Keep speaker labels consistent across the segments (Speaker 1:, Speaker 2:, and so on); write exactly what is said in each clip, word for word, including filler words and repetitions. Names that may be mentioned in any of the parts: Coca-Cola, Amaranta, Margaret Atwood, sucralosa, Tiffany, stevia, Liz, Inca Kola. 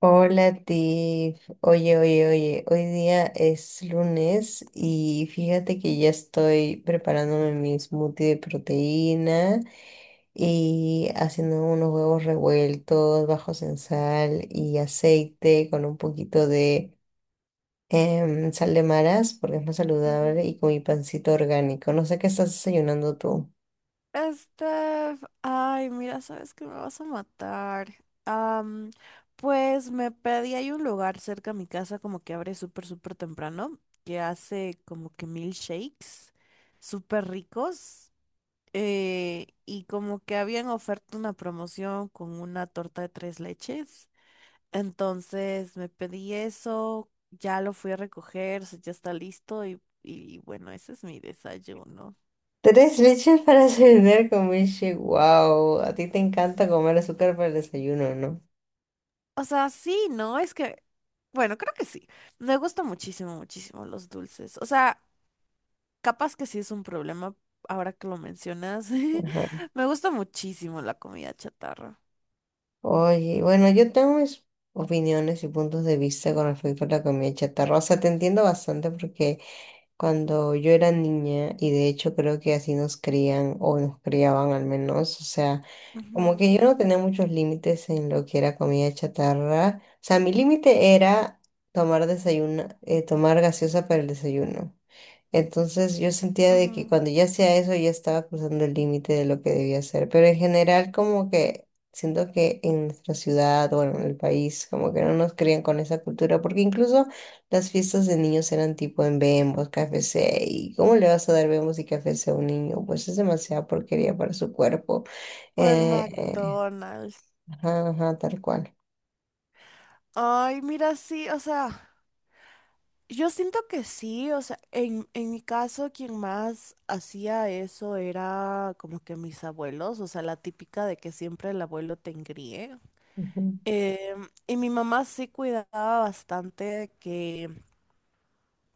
Speaker 1: Hola, Tiff. Oye, oye, oye, hoy día es lunes y fíjate que ya estoy preparándome mi smoothie de proteína y haciendo unos huevos revueltos bajos en sal y aceite con un poquito de em, sal de maras porque es más
Speaker 2: Ujú.
Speaker 1: saludable y con mi pancito orgánico. No sé qué estás desayunando tú.
Speaker 2: Steph, ay, mira, sabes que me vas a matar. Am, pues me pedí, hay un lugar cerca a mi casa como que abre súper, súper temprano, que hace como que milkshakes súper ricos. Eh, y como que habían oferta una promoción con una torta de tres leches. Entonces me pedí eso, ya lo fui a recoger, o sea, ya está listo y, y bueno, ese es mi desayuno.
Speaker 1: Tres leches para desayunar con milkshake. Wow, a ti te encanta comer azúcar para el desayuno, ¿no?
Speaker 2: O sea, sí, ¿no? Es que bueno, creo que sí. Me gustan muchísimo, muchísimo los dulces. O sea, capaz que sí es un problema ahora que lo mencionas. Me gusta muchísimo la comida chatarra.
Speaker 1: Oye, bueno, yo tengo mis opiniones y puntos de vista con respecto a la comida chatarra. O sea, te entiendo bastante porque cuando yo era niña, y de hecho creo que así nos crían o nos criaban al menos, o sea, como
Speaker 2: Ujú,
Speaker 1: que yo no tenía muchos límites en lo que era comida chatarra. O sea, mi límite era tomar desayuno, eh, tomar gaseosa para el desayuno. Entonces yo sentía de que
Speaker 2: ujú.
Speaker 1: cuando ya hacía eso ya estaba cruzando el límite de lo que debía hacer. Pero en general como que siento que en nuestra ciudad, bueno, en el país, como que no nos crían con esa cultura, porque incluso las fiestas de niños eran tipo en bembos, K F C, y ¿cómo le vas a dar bembos y K F C a un niño? Pues es demasiada porquería para su cuerpo.
Speaker 2: O en
Speaker 1: Eh, eh,
Speaker 2: McDonald's.
Speaker 1: ajá, ajá, tal cual.
Speaker 2: Ay, mira, sí, o sea, yo siento que sí, o sea, en, en mi caso quien más hacía eso era como que mis abuelos, o sea, la típica de que siempre el abuelo te engríe.
Speaker 1: Ujú,
Speaker 2: Em, y mi mamá sí cuidaba bastante que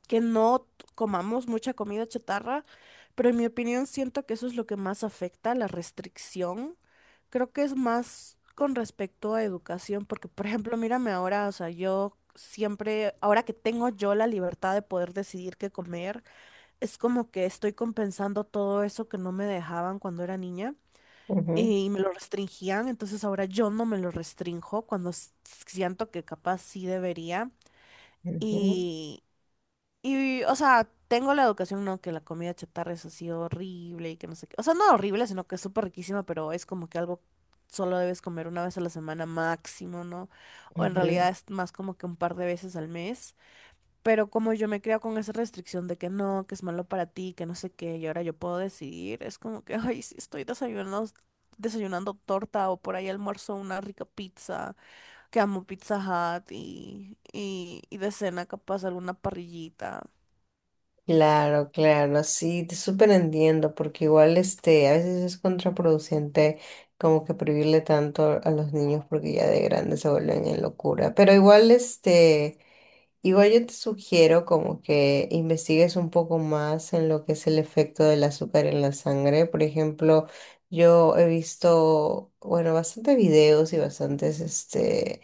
Speaker 2: que no comamos mucha comida chatarra, pero en mi opinión siento que eso es lo que más afecta, la restricción. Creo que es más con respecto a educación, porque por ejemplo, mírame ahora, o sea, yo siempre, ahora que tengo yo la libertad de poder decidir qué comer, es como que estoy compensando todo eso que no me dejaban cuando era niña.
Speaker 1: ujú,
Speaker 2: Y me lo restringían, entonces ahora yo no me lo restrinjo cuando s- siento que capaz sí debería.
Speaker 1: ujú,
Speaker 2: Y, o sea, tengo la educación, ¿no? Que la comida chatarra es así horrible y que no sé qué. O sea, no horrible, sino que es súper riquísima, pero es como que algo solo debes comer una vez a la semana máximo, ¿no? O en
Speaker 1: ujú.
Speaker 2: realidad es más como que un par de veces al mes. Pero como yo me creo con esa restricción de que no, que es malo para ti, que no sé qué, y ahora yo puedo decidir, es como que, ay, si estoy desayunando, desayunando torta o por ahí almuerzo una rica pizza, que amo Pizza Hut y, y, y de cena capaz alguna parrillita.
Speaker 1: Claro, claro, sí, te súper entiendo, porque igual este, a veces es contraproducente como que prohibirle tanto a los niños porque ya de grandes se vuelven en locura. Pero igual este, igual yo te sugiero como que investigues un poco más en lo que es el efecto del azúcar en la sangre. Por ejemplo, yo he visto, bueno, bastantes videos y bastantes este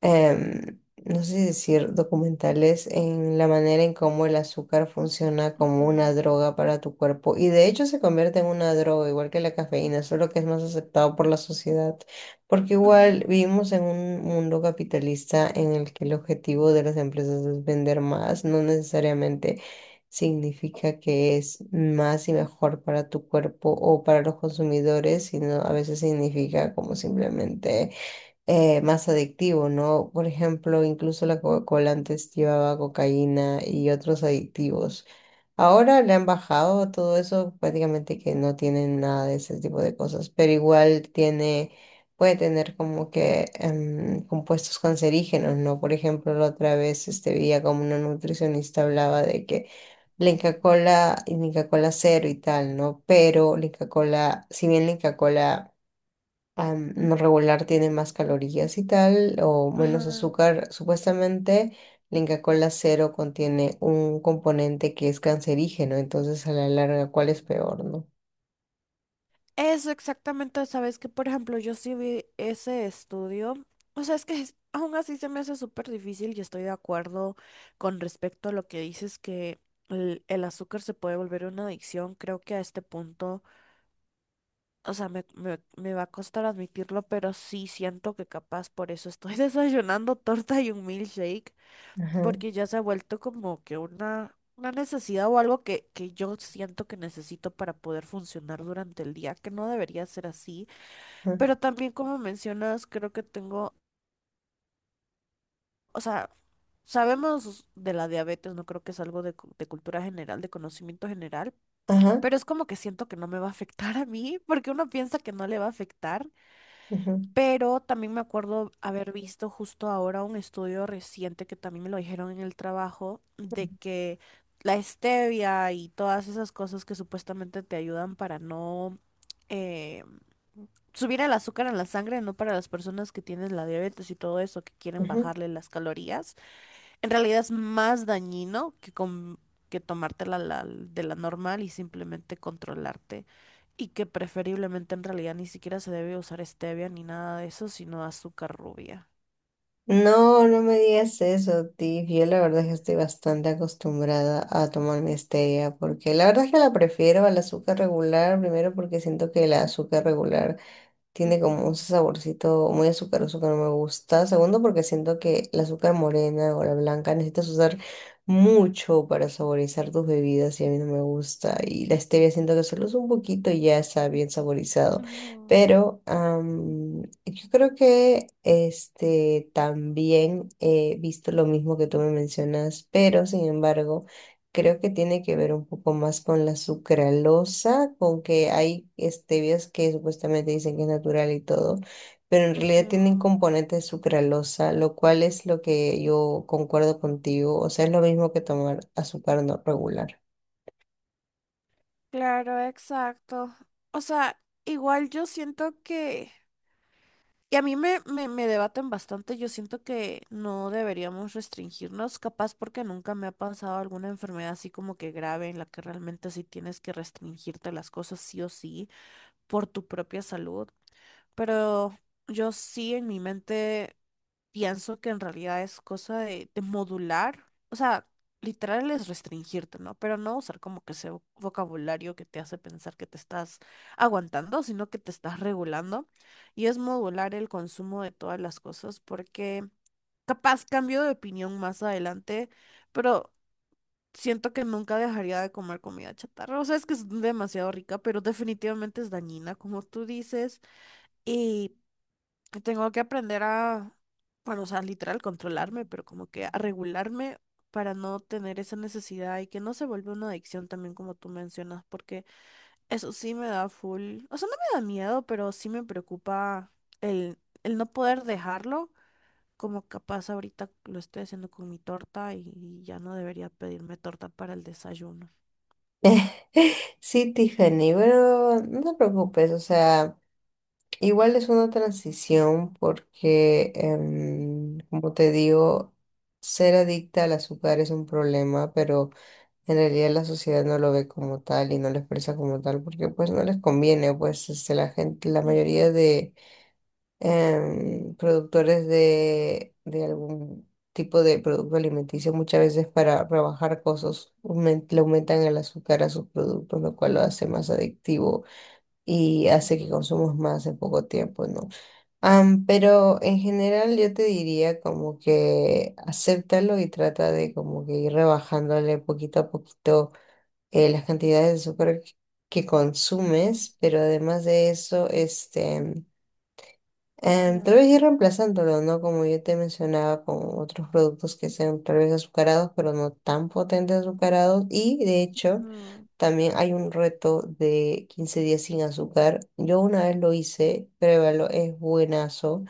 Speaker 1: em, no sé si decir documentales en la manera en cómo el azúcar funciona como una
Speaker 2: Ujú,
Speaker 1: droga para tu cuerpo y de hecho se convierte en una droga igual que la cafeína, solo que es más aceptado por la sociedad, porque igual
Speaker 2: ujú,
Speaker 1: vivimos en un mundo capitalista en el que el objetivo de las empresas es vender más, no necesariamente significa que es más y mejor para tu cuerpo o para los consumidores, sino a veces significa como simplemente eh, más adictivo, ¿no? Por ejemplo, incluso la Coca-Cola antes llevaba cocaína y otros adictivos. Ahora le han bajado todo eso, prácticamente que no tienen nada de ese tipo de cosas, pero igual tiene, puede tener como que em, compuestos cancerígenos, ¿no? Por ejemplo, la otra vez este, veía como una nutricionista hablaba de que la Inca Kola y Inca Kola cero y tal, ¿no? Pero la Inca Kola, si bien la Inca Kola am, no regular tiene más calorías y tal, o menos
Speaker 2: ajá.
Speaker 1: azúcar. Supuestamente la Inca Kola cero contiene un componente que es cancerígeno, entonces a la larga, ¿cuál es peor, no?
Speaker 2: Eso exactamente, sabes que por ejemplo yo sí vi ese estudio, o sea, es que es- aún así se me hace súper difícil y estoy de acuerdo con respecto a lo que dices que el, el azúcar se puede volver una adicción, creo que a este punto, o sea, me, me, me va a costar admitirlo, pero sí siento que capaz por eso estoy desayunando torta y un milkshake
Speaker 1: Ajá,
Speaker 2: porque ya se ha vuelto como que una, una necesidad o algo que, que yo siento que necesito para poder funcionar durante el día, que no debería ser así,
Speaker 1: ajá,
Speaker 2: pero también como mencionas, creo que tengo, o sea, sabemos de la diabetes, no creo que es algo de, cu- de cultura general, de conocimiento general,
Speaker 1: ajá,
Speaker 2: pero es como que siento que no me va a afectar a mí, porque uno piensa que no le va a afectar.
Speaker 1: ajá,
Speaker 2: Pero también me acuerdo haber visto justo ahora un estudio reciente que también me lo dijeron en el trabajo de que la stevia y todas esas cosas que supuestamente te ayudan para no eh, subir el azúcar en la sangre, no para las personas que tienen la diabetes y todo eso, que quieren
Speaker 1: ajá.
Speaker 2: bajarle las calorías, en realidad es más dañino que, com- que tomártela la- la- de la normal y simplemente controlarte. Y que preferiblemente en realidad ni siquiera se debe usar stevia ni nada de eso, sino azúcar rubia.
Speaker 1: No, no me digas eso, Tiff. Yo la verdad es que estoy bastante acostumbrada a tomar mi stevia, porque la verdad es que la prefiero al azúcar regular, primero porque siento que el azúcar regular tiene como un
Speaker 2: Ujú,
Speaker 1: saborcito muy azucaroso que no me gusta. Segundo, porque siento que la azúcar morena o la blanca necesitas usar mucho para saborizar tus bebidas y a mí no me gusta. Y la stevia siento que solo es un poquito y ya está bien saborizado.
Speaker 2: ujú,
Speaker 1: Pero am, yo creo que este también he visto lo mismo que tú me mencionas, pero sin embargo, creo que tiene que ver un poco más con la sucralosa, con que hay stevias que supuestamente dicen que es natural y todo, pero en realidad tienen
Speaker 2: ujú.
Speaker 1: componentes de sucralosa, lo cual es lo que yo concuerdo contigo, o sea, es lo mismo que tomar azúcar no regular.
Speaker 2: Claro, exacto. O sea, igual yo siento que y a mí me, me, me debaten bastante. Yo siento que no deberíamos restringirnos, capaz porque nunca me ha pasado alguna enfermedad así como que grave en la que realmente sí tienes que restringirte las cosas sí o sí por tu propia salud. Pero yo sí en mi mente pienso que en realidad es cosa de, de modular, o sea, literal es restringirte, ¿no? Pero no usar como que ese vo- vocabulario que te hace pensar que te estás aguantando, sino que te estás regulando. Y es modular el consumo de todas las cosas porque capaz cambio de opinión más adelante, pero siento que nunca dejaría de comer comida chatarra. O sea, es que es demasiado rica, pero definitivamente es dañina, como tú dices que tengo que aprender a, bueno, o sea, literal, controlarme, pero como que a regularme para no tener esa necesidad y que no se vuelva una adicción también como tú mencionas, porque eso sí me da full, o sea, no me da miedo, pero sí me preocupa el, el no poder dejarlo, como capaz ahorita lo estoy haciendo con mi torta y ya no debería pedirme torta para el desayuno.
Speaker 1: Sí, Tiffany, pero no te preocupes, o sea, igual es una transición porque, em, como te digo, ser adicta al azúcar es un problema, pero en realidad la sociedad no lo ve como tal y no lo expresa como tal porque pues no les conviene, pues este, la gente, la
Speaker 2: Ujú,
Speaker 1: mayoría de em, productores de, de algún tipo de producto alimenticio muchas veces para rebajar costos aumen- le aumentan el azúcar a sus productos, lo cual lo hace más adictivo y hace
Speaker 2: ujú,
Speaker 1: que consumamos más en poco tiempo, ¿no? Am, pero en general yo te diría como que acéptalo y trata de como que ir rebajándole poquito a poquito eh, las cantidades de azúcar que
Speaker 2: ujú,
Speaker 1: consumes, pero además de eso, este, em, tal
Speaker 2: claro.
Speaker 1: vez ir reemplazándolo, ¿no? Como yo te mencionaba, con otros productos que sean tal vez azucarados, pero no tan potentes azucarados. Y de hecho,
Speaker 2: Ujú,
Speaker 1: también hay un reto de quince días sin azúcar. Yo una vez lo hice, pruébalo, es buenazo.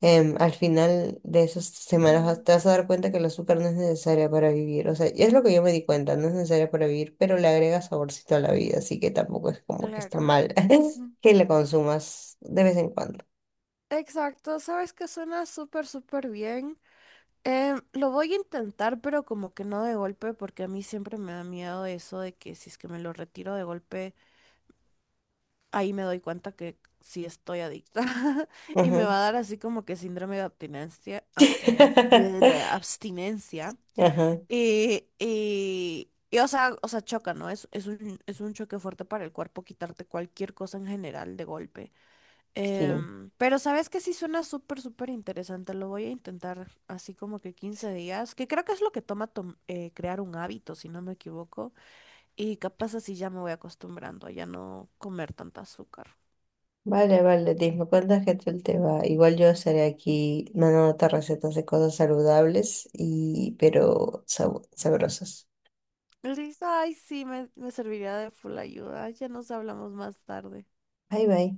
Speaker 1: em, Al final de esas semanas vas-
Speaker 2: ujú,
Speaker 1: te vas a dar cuenta que el azúcar no es necesaria para vivir. O sea, y es lo que yo me di cuenta, no es necesaria para vivir, pero le agrega saborcito a la vida, así que tampoco es como que está
Speaker 2: claro.
Speaker 1: mal que la consumas de vez en cuando.
Speaker 2: Exacto, sabes que suena súper, súper bien. Em, lo voy a intentar, pero como que no de golpe, porque a mí siempre me da miedo eso de que si es que me lo retiro de golpe, ahí me doy cuenta que sí estoy adicta y me
Speaker 1: Ajá.
Speaker 2: va a dar así como que síndrome de abstinencia, abstinencia, abstinencia.
Speaker 1: Ajá,
Speaker 2: Y, y, y, o sea, o sea, choca, ¿no? Es, es un, es un choque fuerte para el cuerpo quitarte cualquier cosa en general de golpe.
Speaker 1: sí.
Speaker 2: Em, pero sabes que sí suena súper, súper interesante. Lo voy a intentar así como que quince días, que creo que es lo que toma tom- eh, crear un hábito, si no me equivoco. Y capaz así ya me voy acostumbrando a ya no comer tanta azúcar.
Speaker 1: Vale, vale, Liz, me cuentas qué tal te va. Igual yo estaré aquí mandándote recetas de cosas saludables y pero sab- sabrosas.
Speaker 2: Listo, ay, sí, me, me serviría de full ayuda. Ya nos hablamos más tarde.
Speaker 1: Bye bye.